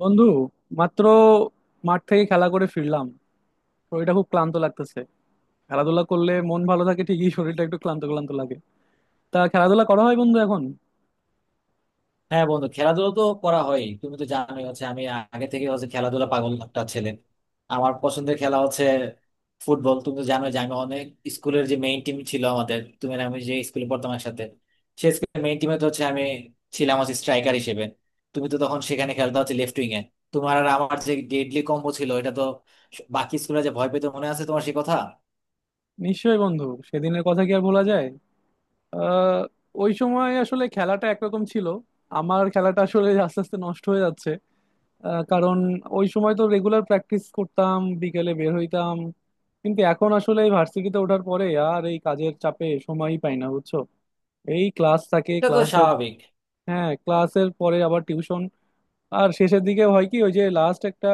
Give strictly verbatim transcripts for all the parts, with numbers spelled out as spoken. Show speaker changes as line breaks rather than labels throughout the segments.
বন্ধু মাত্র মাঠ থেকে খেলা করে ফিরলাম। শরীরটা খুব ক্লান্ত লাগতেছে। খেলাধুলা করলে মন ভালো থাকে ঠিকই, শরীরটা একটু ক্লান্ত ক্লান্ত লাগে। তা খেলাধুলা করা হয় বন্ধু এখন?
হ্যাঁ বন্ধু, খেলাধুলা তো করা হয়। তুমি তো জানোই হচ্ছে আমি আগে থেকে হচ্ছে খেলাধুলা পাগল একটা ছেলে। আমার পছন্দের খেলা হচ্ছে ফুটবল। তুমি তো জানো যে আমি অনেক, স্কুলের যে মেইন টিম ছিল আমাদের, তুমি আর আমি যে স্কুলে পড়তাম একসাথে, সে স্কুলের মেইন টিমে তো হচ্ছে আমি ছিলাম হচ্ছে স্ট্রাইকার হিসেবে। তুমি তো তখন সেখানে খেলতে হচ্ছে লেফট উইং এ। তোমার আর আমার যে ডেডলি কম্বো ছিল এটা তো বাকি স্কুলে যে ভয় পেতে, মনে আছে তোমার সে কথা?
নিশ্চয়ই বন্ধু, সেদিনের কথা কি আর ভোলা যায়? আহ ওই সময় আসলে খেলাটা একরকম ছিল। আমার খেলাটা আসলে আস্তে আস্তে নষ্ট হয়ে যাচ্ছে আহ, কারণ ওই সময় তো রেগুলার প্র্যাকটিস করতাম, বিকেলে বের হইতাম। কিন্তু এখন আসলে এই ভার্সিটিতে ওঠার পরে আর এই কাজের চাপে সময়ই পাই না, বুঝছো? এই ক্লাস,
এটা তো স্বাভাবিক।
হ্যাঁ, ক্লাসের পরে আবার টিউশন। আর শেষের দিকে হয় কি, ওই যে লাস্ট একটা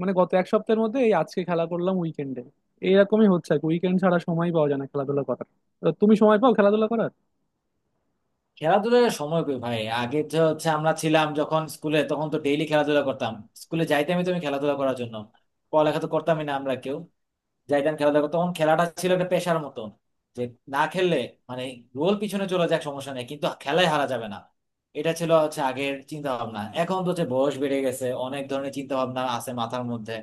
মানে গত এক সপ্তাহের মধ্যে এই আজকে খেলা করলাম উইকেন্ডে। এইরকমই হচ্ছে আর কি। উইকেন্ড ছাড়া সময় পাওয়া যায় না খেলাধুলা করার। তো তুমি সময় পাও খেলাধুলা করার?
খেলাধুলার সময় কই ভাই? আগে তো হচ্ছে আমরা ছিলাম যখন স্কুলে তখন তো ডেইলি খেলাধুলা করতাম। স্কুলে যাইতামই তো আমি খেলাধুলা করার জন্য। পড়ালেখা তো করতামই না আমরা কেউ। যাইতাম খেলাধুলা করতে। তখন খেলাটা ছিল একটা পেশার মতন, যে না খেললে, মানে গোল পিছনে চলে যাক সমস্যা নেই কিন্তু খেলায় হারা যাবে না, এটা ছিল হচ্ছে আগের চিন্তা ভাবনা। এখন তো হচ্ছে বয়স বেড়ে গেছে, অনেক ধরনের চিন্তা ভাবনা আছে মাথার মধ্যে।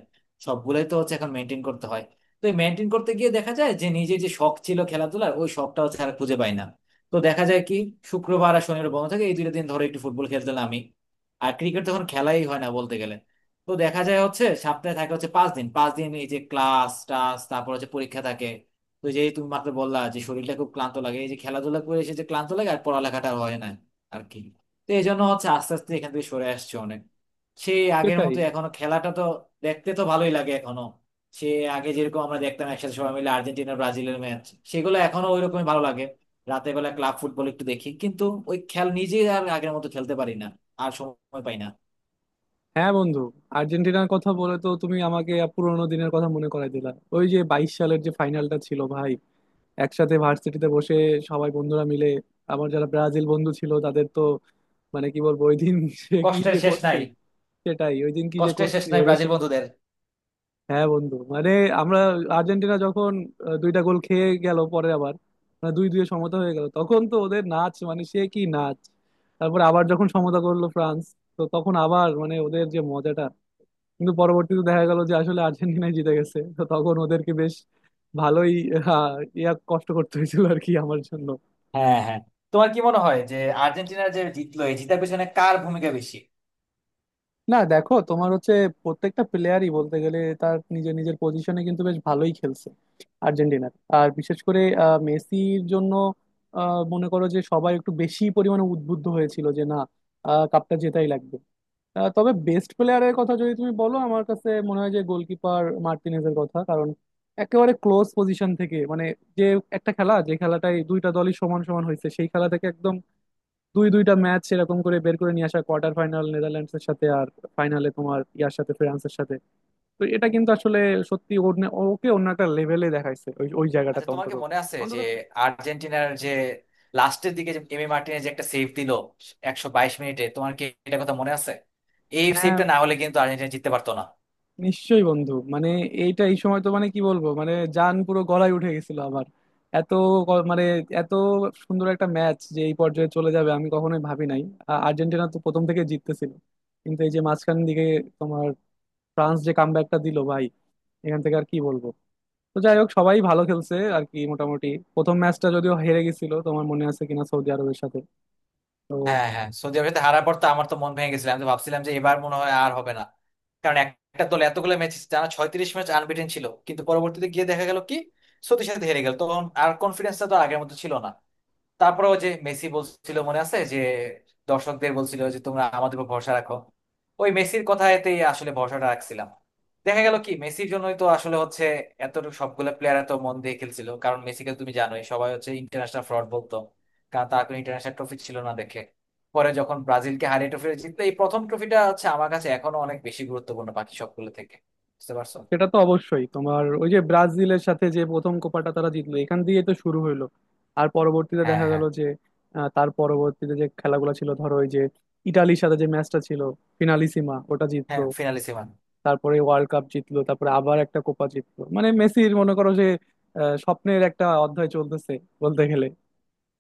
সবগুলোই তো হচ্ছে এখন মেনটেন করতে হয়। তো এই মেনটেন করতে গিয়ে দেখা যায় যে নিজের যে শখ ছিল খেলাধুলার, ওই শখটা হচ্ছে আর খুঁজে পাই না। তো দেখা যায় কি, শুক্রবার আর শনিবার বন্ধ থাকে, এই দুটো দিন ধরে একটু ফুটবল খেলতাম আমি। আর ক্রিকেট তখন খেলাই হয় না বলতে গেলে। তো দেখা যায় হচ্ছে সপ্তাহে থাকে হচ্ছে পাঁচ দিন পাঁচ দিন, এই যে ক্লাস টাস তারপর হচ্ছে পরীক্ষা থাকে। তো যে তুমি মাত্র বললা যে শরীরটা খুব ক্লান্ত লাগে, এই যে খেলাধুলা করে এসে যে ক্লান্ত লাগে আর পড়ালেখাটা হয় না আর কি, তো এই জন্য হচ্ছে আস্তে আস্তে এখান থেকে সরে আসছে অনেক। সেই আগের
সেটাই।
মতো এখনো খেলাটা তো দেখতে তো ভালোই লাগে এখনো। সে আগে যেরকম আমরা দেখতাম একসাথে সবাই মিলে, আর্জেন্টিনা ব্রাজিলের ম্যাচ, সেগুলো এখনো ওই রকমই ভালো লাগে। রাতের বেলা ক্লাব ফুটবল একটু দেখি কিন্তু ওই খেল নিজে আর আগের মতো খেলতে পারি না। আর সময় পাই না।
হ্যাঁ বন্ধু, আর্জেন্টিনার কথা বলে তো তুমি আমাকে পুরোনো দিনের কথা মনে করাই দিলা। ওই যে বাইশ সালের যে ফাইনালটা ছিল ভাই, একসাথে ভার্সিটিতে বসে সবাই বন্ধুরা মিলে। আমার যারা ব্রাজিল বন্ধু ছিল তাদের তো মানে কি বলবো, ওই দিন সে কি
কষ্টের
যে
শেষ
করছি।
নাই।
সেটাই, ওই দিন কি যে
কষ্টের শেষ
করছি
নাই
ওদের
ব্রাজিল
সাথে।
বন্ধুদের।
হ্যাঁ বন্ধু, মানে আমরা আর্জেন্টিনা যখন আহ, দুইটা গোল খেয়ে গেল পরে আবার মানে দুই দুই সমতা হয়ে গেল, তখন তো ওদের নাচ, মানে সে কি নাচ! তারপর আবার যখন সমতা করলো ফ্রান্স, তো তখন আবার মানে ওদের যে মজাটা! কিন্তু পরবর্তীতে দেখা গেল যে আসলে আর্জেন্টিনাই জিতে গেছে, তো তখন ওদেরকে বেশ ভালোই আহ, ইয়া কষ্ট করতে হয়েছিল আর কি আমার জন্য।
হ্যাঁ, হ্যাঁ। তোমার কি মনে হয় যে আর্জেন্টিনার যে জিতলো, এই জিতার পেছনে কার ভূমিকা বেশি?
না দেখো, তোমার হচ্ছে প্রত্যেকটা প্লেয়ারই বলতে গেলে তার নিজের নিজের পজিশনে কিন্তু বেশ ভালোই খেলছে আর্জেন্টিনার। আর বিশেষ করে আহ, মেসির জন্য আহ, মনে করো যে সবাই একটু বেশি পরিমাণে উদ্বুদ্ধ হয়েছিল যে না আহ, কাপটা জেতাই লাগবে। আহ, তবে বেস্ট প্লেয়ারের কথা যদি তুমি বলো, আমার কাছে মনে হয় যে গোলকিপার মার্টিনেজের কথা। কারণ একেবারে ক্লোজ পজিশন থেকে মানে যে একটা খেলা যে খেলাটাই দুইটা দলই সমান সমান হয়েছে, সেই খেলা থেকে একদম দুই দুইটা ম্যাচ এরকম করে বের করে নিয়ে আসা, কোয়ার্টার ফাইনাল নেদারল্যান্ডস এর সাথে আর ফাইনালে তোমার ইয়ার সাথে, ফ্রান্সের সাথে। তো এটা কিন্তু আসলে সত্যি, ওর নে- ওকে অন্য একটা লেভেলে দেখাইছে ওই ওই
আচ্ছা,
জায়গাটাতে
তোমার কি
অন্তত।
মনে আছে যে
অন্তত
আর্জেন্টিনার যে লাস্টের দিকে যে এমি মার্টিনেজ যে একটা সেভ দিল একশো বাইশ মিনিটে, তোমার কি এটা কথা মনে আছে? এই
হ্যাঁ।
সেভটা না হলে কিন্তু আর্জেন্টিনা জিততে পারতো না।
নিশ্চয়ই বন্ধু, মানে এইটা এই সময় তো মানে কি বলবো, মানে জান পুরো গলায় উঠে গেছিল আমার। এত গ- মানে এত সুন্দর একটা ম্যাচ যে এই পর্যায়ে চলে যাবে আমি কখনোই ভাবি নাই। আ- আর্জেন্টিনা তো প্রথম থেকে জিততেছিল, কিন্তু এই যে মাঝখান দিকে তোমার ফ্রান্স যে কামব্যাকটা দিল ভাই, এখান থেকে আর কি বলবো। তো যাই হোক, সবাই ভালো খেলছে আর কি মোটামুটি। প্রথম ম্যাচটা যদিও হেরে গেছিল, তোমার মনে আছে কিনা সৌদি আরবের সাথে? তো
হ্যাঁ, হ্যাঁ, সৌদি আরবের সাথে হারার পর তো আমার তো মন ভেঙে গেছিল। আমি তো ভাবছিলাম যে এবার মনে হয় আর হবে না। কারণ একটা দল এতগুলো ম্যাচ টানা, ছয়ত্রিশ ম্যাচ আনবিটেন ছিল, কিন্তু পরবর্তীতে গিয়ে দেখা গেল কি সৌদির সাথে হেরে গেল, তখন আর কনফিডেন্সটা তো আগের মতো ছিল না। তারপরে ওই যে মেসি বলছিল মনে আছে যে দর্শকদের বলছিল যে তোমরা আমাদের উপর ভরসা রাখো, ওই মেসির কথাতেই আসলে ভরসাটা রাখছিলাম। দেখা গেল কি মেসির জন্যই তো আসলে হচ্ছে এতটুকু, সবগুলো প্লেয়ার এত মন দিয়ে খেলছিল। কারণ মেসিকে তুমি জানোই, সবাই হচ্ছে ইন্টারন্যাশনাল ফ্রড বলতো, কারণ তার কোনো ইন্টারন্যাশনাল ট্রফি ছিল না দেখে। পরে যখন ব্রাজিলকে হারিয়ে ট্রফি জিতলো, এই প্রথম ট্রফিটা হচ্ছে আমার কাছে এখনো অনেক বেশি গুরুত্বপূর্ণ বাকি সবগুলো থেকে। বুঝতে পারছো?
সেটা তো অবশ্যই, তোমার ওই যে ব্রাজিলের সাথে যে প্রথম কোপাটা তারা জিতলো এখান দিয়ে তো শুরু হইলো। আর পরবর্তীতে
হ্যাঁ,
দেখা গেল
হ্যাঁ।
যে আহ, তার পরবর্তীতে যে খেলাগুলো ছিল, ধরো ওই যে ইটালির সাথে যে ম্যাচটা ছিল ফিনালিসিমা, ওটা জিতলো।
হ্যাঁ, ফিনালি সেভেন।
তারপরে ওয়ার্ল্ড কাপ জিতলো, তারপরে আবার একটা কোপা জিতলো মানে মেসির মনে করো যে আহ, স্বপ্নের একটা অধ্যায় চলতেছে বলতে গেলে।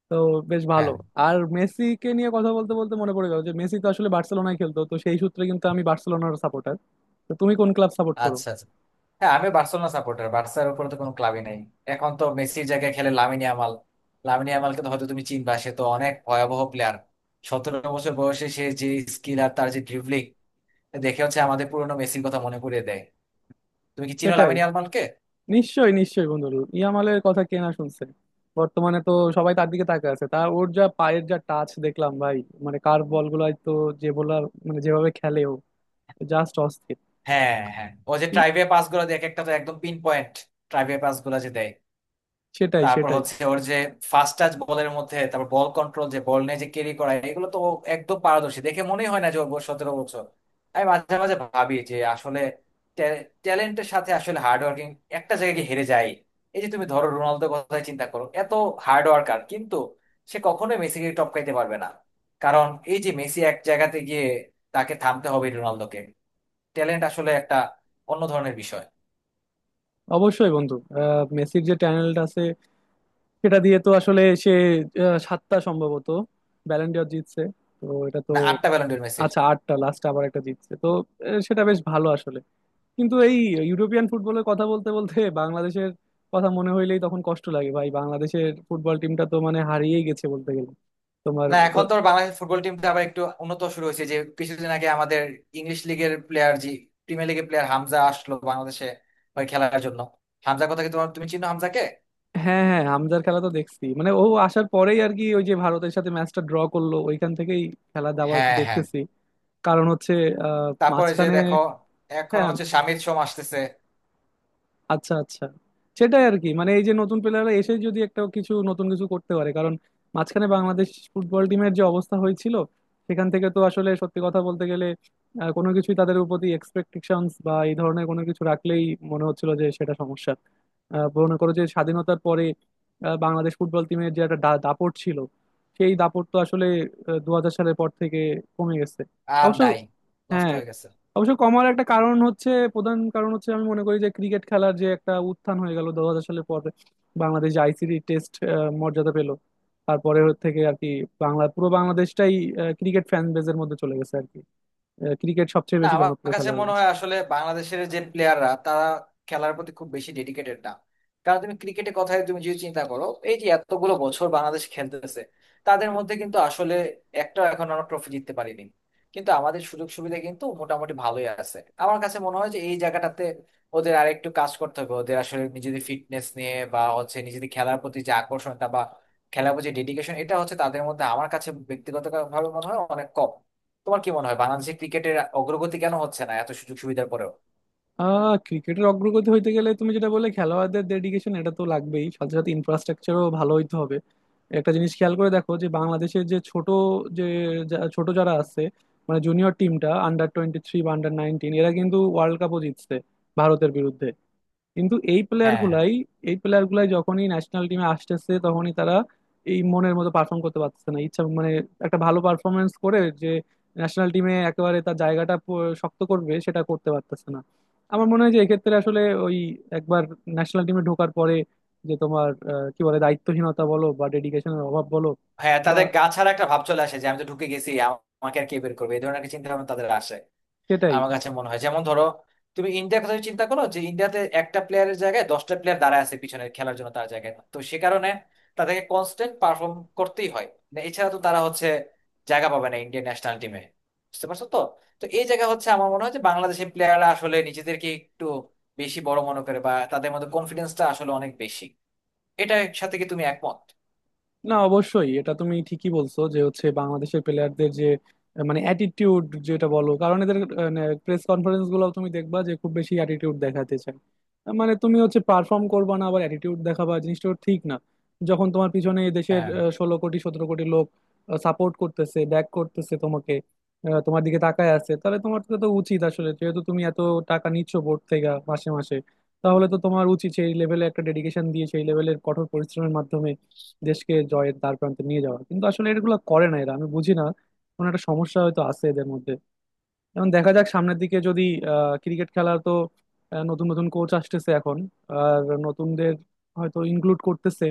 তো বেশ ভালো।
হ্যাঁ।
আর মেসিকে নিয়ে কথা বলতে বলতে মনে পড়ে গেল যে মেসি তো আসলে বার্সেলোনায় খেলতো, তো সেই সূত্রে কিন্তু আমি বার্সেলোনার সাপোর্টার। তো তুমি কোন ক্লাব সাপোর্ট করো?
আচ্ছা, আচ্ছা। হ্যাঁ, আমি বার্সেলোনা সাপোর্টার। বার্সার উপরে তো কোনো ক্লাবই নাই। এখন তো মেসির জায়গায় খেলে লামিনে আমাল। লামিনে আমালকে তো হয়তো তুমি চিনবা, সে তো অনেক ভয়াবহ প্লেয়ার। সতেরো বছর বয়সে সে যে স্কিল আর তার যে ড্রিবলিং, দেখে হচ্ছে আমাদের পুরোনো মেসির কথা মনে করিয়ে দেয়। তুমি কি চিনো
সেটাই।
লামিনে আমালকে?
নিশ্চয়ই নিশ্চয়ই বন্ধু, ইয়ামালের কথা কে না শুনছে? বর্তমানে তো সবাই তার দিকে তাকিয়ে আছে। তা ওর যা পায়ের যা টাচ দেখলাম ভাই, মানে কার্ভ বল গুলাই তো যে বোলার মানে যেভাবে খেলে ও, জাস্ট অস্থির।
হ্যাঁ, হ্যাঁ, ও যে
কিন-
ট্রাইভে পাস গুলো দেয় এক একটা তো একদম পিন পয়েন্ট। ট্রাইভে পাস গুলো যে দেয়,
সেটাই
তারপর
সেটাই
হচ্ছে ওর যে ফাস্ট টাচ বলের মধ্যে, তারপর বল কন্ট্রোল, যে বল নিয়ে যে ক্যারি করা, এগুলো তো ও একদম পারদর্শী। দেখে মনেই হয় না যে ওর বয়স সতেরো বছর। আমি মাঝে মাঝে ভাবি যে আসলে ট্যালেন্টের সাথে আসলে হার্ড ওয়ার্কিং একটা জায়গায় গিয়ে হেরে যায়। এই যে তুমি ধরো রোনালদোর কথাই চিন্তা করো, এত হার্ড ওয়ার্কার কিন্তু সে কখনোই মেসিকে টপকাইতে পারবে না। কারণ এই যে মেসি এক জায়গাতে গিয়ে, তাকে থামতে হবে রোনালদোকে। ট্যালেন্ট আসলে একটা অন্য ধরনের বিষয়।
অবশ্যই বন্ধু, আহ, মেসির যে ট্যালেন্ট আছে সেটা দিয়ে তো আসলে সে আহ, সাতটা সম্ভবত ব্যালেন্ডিয়র জিতছে। তো এটা তো
না, আটটা ব্যালন্ডোর মেসি।
আচ্ছা আটটা, লাস্ট আবার একটা জিতছে তো। আহ, সেটা বেশ ভালো আসলে। কিন্তু এই ইউরোপিয়ান ফুটবলের কথা বলতে বলতে বাংলাদেশের কথা মনে হইলেই তখন কষ্ট লাগে ভাই, বাংলাদেশের ফুটবল টিমটা তো মানে হারিয়েই গেছে বলতে গেলে। তোমার
না, এখন
আহ,
তো বাংলাদেশ ফুটবল টিমটা আবার একটু উন্নত শুরু হয়েছে। যে কিছুদিন আগে আমাদের ইংলিশ লিগের প্লেয়ার জি, প্রিমিয়ার লিগের প্লেয়ার হামজা আসলো বাংলাদেশে ওই খেলার জন্য। হামজার কথা কি, তোমার, তুমি চিনো হামজাকে?
হ্যাঁ হ্যাঁ, হামজার খেলা তো দেখছি মানে ও আসার পরেই আর কি, ওই যে ভারতের সাথে ম্যাচটা ড্র করলো ওইখান থেকেই খেলা দাবার একটু
হ্যাঁ, হ্যাঁ।
দেখতেছি। কারণ হচ্ছে আহ
তারপরে যে
মাঝখানে
দেখো, এখন
হ্যাঁ,
হচ্ছে শামির সোম আসতেছে।
আচ্ছা আচ্ছা। সেটাই আর কি, মানে এই যে নতুন প্লেয়াররা এসে যদি একটা কিছু নতুন কিছু করতে পারে, কারণ মাঝখানে বাংলাদেশ ফুটবল টিমের যে অবস্থা হয়েছিল সেখান থেকে তো আসলে সত্যি কথা বলতে গেলে আহ, কোনো কিছুই তাদের প্রতি এক্সপেকটেশনস বা এই ধরনের কোনো কিছু রাখলেই মনে হচ্ছিল যে সেটা সমস্যা। আহ, মনে করো যে স্বাধীনতার পরে আহ, বাংলাদেশ ফুটবল টিমের যে একটা দা- দাপট ছিল, সেই দাপট তো আসলে দু হাজার সালের পর থেকে কমে গেছে
আর
অবশ্য।
নাই। নষ্ট
হ্যাঁ,
হয়ে গেছে।
অবশ্য কমার একটা কারণ হচ্ছে, প্রধান কারণ হচ্ছে আমি মনে করি যে ক্রিকেট খেলার যে একটা উত্থান হয়ে গেল দু হাজার সালের পরে। বাংলাদেশ আইসিসি টেস্ট মর্যাদা পেল, তারপরে থেকে আর কি বাংলা পুরো বাংলাদেশটাই ক্রিকেট ফ্যান বেজের মধ্যে চলে গেছে আর কি। ক্রিকেট সবচেয়ে
না,
বেশি
আমার
জনপ্রিয়
কাছে
খেলা হয়ে
মনে
গেছে।
হয় আসলে বাংলাদেশের যে প্লেয়াররা তারা খেলার প্রতি খুব বেশি ডেডিকেটেড না। কারণ তুমি ক্রিকেটের কথাই তুমি যদি চিন্তা করো, এই যে এতগুলো বছর বাংলাদেশ খেলতেছে, তাদের মধ্যে কিন্তু আসলে একটা, এখন আমরা ট্রফি জিততে পারিনি। কিন্তু আমাদের সুযোগ সুবিধা কিন্তু মোটামুটি ভালোই আছে। আমার কাছে মনে হয় যে এই জায়গাটাতে ওদের আরেকটু কাজ করতে হবে। ওদের আসলে নিজেদের ফিটনেস নিয়ে বা হচ্ছে নিজেদের খেলার প্রতি যে আকর্ষণটা বা খেলার প্রতি ডেডিকেশন, এটা হচ্ছে তাদের মধ্যে আমার কাছে ব্যক্তিগতভাবে মনে হয় অনেক কম। তোমার কি মনে হয় বাংলাদেশে ক্রিকেটের অগ্রগতি কেন হচ্ছে না এত সুযোগ সুবিধার পরেও?
আহ ক্রিকেটের অগ্রগতি হইতে গেলে তুমি যেটা বলে খেলোয়াড়দের ডেডিকেশন, এটা তো লাগবেই, সাথে সাথে ইনফ্রাস্ট্রাকচারও ভালো হইতে হবে। একটা জিনিস খেয়াল করে দেখো যে বাংলাদেশের যে ছোট যে যা- ছোট যারা আছে মানে জুনিয়র টিমটা, আন্ডার টোয়েন্টি থ্রি বা আন্ডার নাইনটিন, এরা কিন্তু ওয়ার্ল্ড কাপও জিতছে ভারতের বিরুদ্ধে। কিন্তু এই প্লেয়ার
হ্যাঁ,
গুলাই এই প্লেয়ার গুলাই যখনই ন্যাশনাল টিমে আসতেছে তখনই তারা এই মনের মতো পারফর্ম করতে পারতেছে না। ইচ্ছা মানে একটা ভালো পারফরমেন্স করে যে ন্যাশনাল টিমে একেবারে তার জায়গাটা প- শক্ত করবে সেটা করতে পারতেছে না। আমার মনে হয় যে এক্ষেত্রে আসলে ওই একবার ন্যাশনাল টিমে ঢোকার পরে যে তোমার আহ, কি বলে দায়িত্বহীনতা বলো বা ডেডিকেশনের অভাব বলো
হ্যাঁ,
বা
তাদের গা ছাড়া একটা ভাব চলে আসে যে আমি তো ঢুকে গেছি, আমাকে আর কে বের করবে, এই ধরনের একটা চিন্তা ভাবনা তাদের আসে।
সেটাই।
আমার কাছে মনে হয় যেমন ধরো, তুমি ইন্ডিয়ার কথা চিন্তা করো যে ইন্ডিয়াতে একটা প্লেয়ারের জায়গায় দশটা প্লেয়ার দাঁড়ায় আছে পিছনে খেলার জন্য তার জায়গায়, তো সে কারণে তাদেরকে কনস্ট্যান্ট পারফর্ম করতেই হয়। না, এছাড়া তো তারা হচ্ছে জায়গা পাবে না ইন্ডিয়ান ন্যাশনাল টিমে। বুঝতে পারছো তো? তো এই জায়গা হচ্ছে আমার মনে হয় যে বাংলাদেশের প্লেয়াররা আসলে নিজেদেরকে একটু বেশি বড় মনে করে, বা তাদের মধ্যে কনফিডেন্সটা আসলে অনেক বেশি। এটার সাথে কি তুমি একমত?
না অবশ্যই, এটা তুমি ঠিকই বলছো যে হচ্ছে বাংলাদেশের প্লেয়ারদের যে আহ, মানে অ্যাটিটিউড যেটা বলো, কারণ এদের প্রেস কনফারেন্স গুলো তুমি দেখবা যে খুব বেশি অ্যাটিটিউড দেখাতে চায়। আহ, মানে তুমি হচ্ছে পারফর্ম করবা না আবার অ্যাটিটিউড দেখাবা, জিনিসটা ঠিক না। যখন তোমার পিছনে দেশের
হ্যাঁ,
ষোলো কোটি সতেরো কোটি লোক সাপোর্ট করতেছে, ব্যাক করতেছে তোমাকে, আহ, তোমার দিকে তাকায় আছে, তাহলে তোমার তো তো উচিত আসলে যেহেতু তুমি এত টাকা নিচ্ছ বোর্ড থেকে মাসে মাসে, তাহলে তো তোমার উচিত সেই লেভেলে একটা ডেডিকেশন দিয়ে সেই লেভেলের কঠোর পরিশ্রমের মাধ্যমে দেশকে জয়ের দ্বার প্রান্তে নিয়ে যাওয়া। কিন্তু আসলে এগুলো করে না এরা, আমি বুঝি না। কোনো একটা সমস্যা হয়তো আছে এদের মধ্যে। এখন দেখা যাক সামনের দিকে যদি আহ ক্রিকেট খেলা তো আহ, নতুন নতুন কোচ আসতেছে এখন, আর নতুনদের হয়তো ইনক্লুড করতেছে।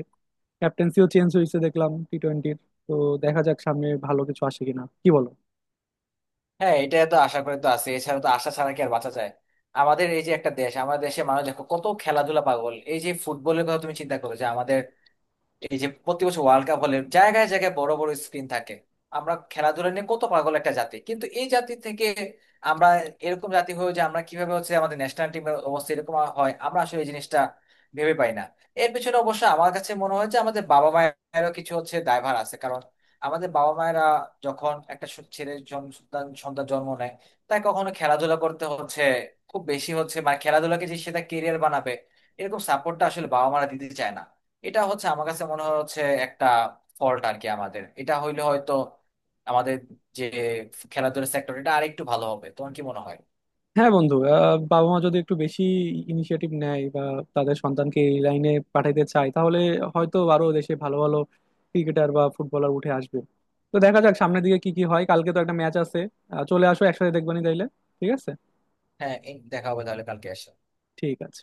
ক্যাপ্টেন্সিও চেঞ্জ হয়েছে দেখলাম টি টোয়েন্টির। তো দেখা যাক সামনে ভালো কিছু আসে কিনা, কি বলো?
হ্যাঁ, এটা তো আশা করে তো আছে, এছাড়া তো আশা ছাড়া কি আর বাঁচা যায়? আমাদের এই যে একটা দেশ, আমাদের দেশে মানুষ দেখো কত খেলাধুলা পাগল। এই যে ফুটবলের কথা তুমি চিন্তা করো যে আমাদের, এই যে প্রতি বছর ওয়ার্ল্ড কাপ হলে জায়গায় জায়গায় বড় বড় স্ক্রিন থাকে। আমরা খেলাধুলা নিয়ে কত পাগল একটা জাতি। কিন্তু এই জাতি থেকে আমরা, এরকম জাতি হয়ে যে আমরা, কিভাবে হচ্ছে আমাদের ন্যাশনাল টিমের অবস্থা এরকম হয়, আমরা আসলে এই জিনিসটা ভেবে পাই না। এর পিছনে অবশ্য আমার কাছে মনে হয় যে আমাদের বাবা মায়েরও কিছু হচ্ছে দায়ভার আছে। কারণ আমাদের বাবা মায়েরা যখন একটা সু- ছেলে, জন- সন্তান সন্তান জন্ম নেয়, তাই কখনো খেলাধুলা করতে হচ্ছে খুব বেশি হচ্ছে, মানে খেলাধুলাকে যে সেটা কেরিয়ার বানাবে এরকম সাপোর্টটা আসলে বাবা মারা দিতে চায় না। এটা হচ্ছে আমার কাছে মনে হয় হচ্ছে একটা ফল্ট আর কি আমাদের। এটা হইলে হয়তো আমাদের যে খেলাধুলার সেক্টর, এটা আরেকটু ভালো হবে। তোমার কি মনে হয়?
হ্যাঁ বন্ধু, আহ, বাবা মা যদি একটু বেশি ইনিশিয়েটিভ নেয় বা তাদের সন্তানকে এই লাইনে পাঠাতে চায়, তাহলে হয়তো আরো দেশে ভালো ভালো ক্রিকেটার বা ফুটবলার উঠে আসবে। তো দেখা যাক সামনের দিকে কি কি হয়, কালকে তো একটা ম্যাচ আছে। আহ, চলে আসো একসাথে দেখবানি তাইলে। ঠিক আছে।
হ্যাঁ, এই দেখা হবে তাহলে কালকে এসে।
ঠিক আছে।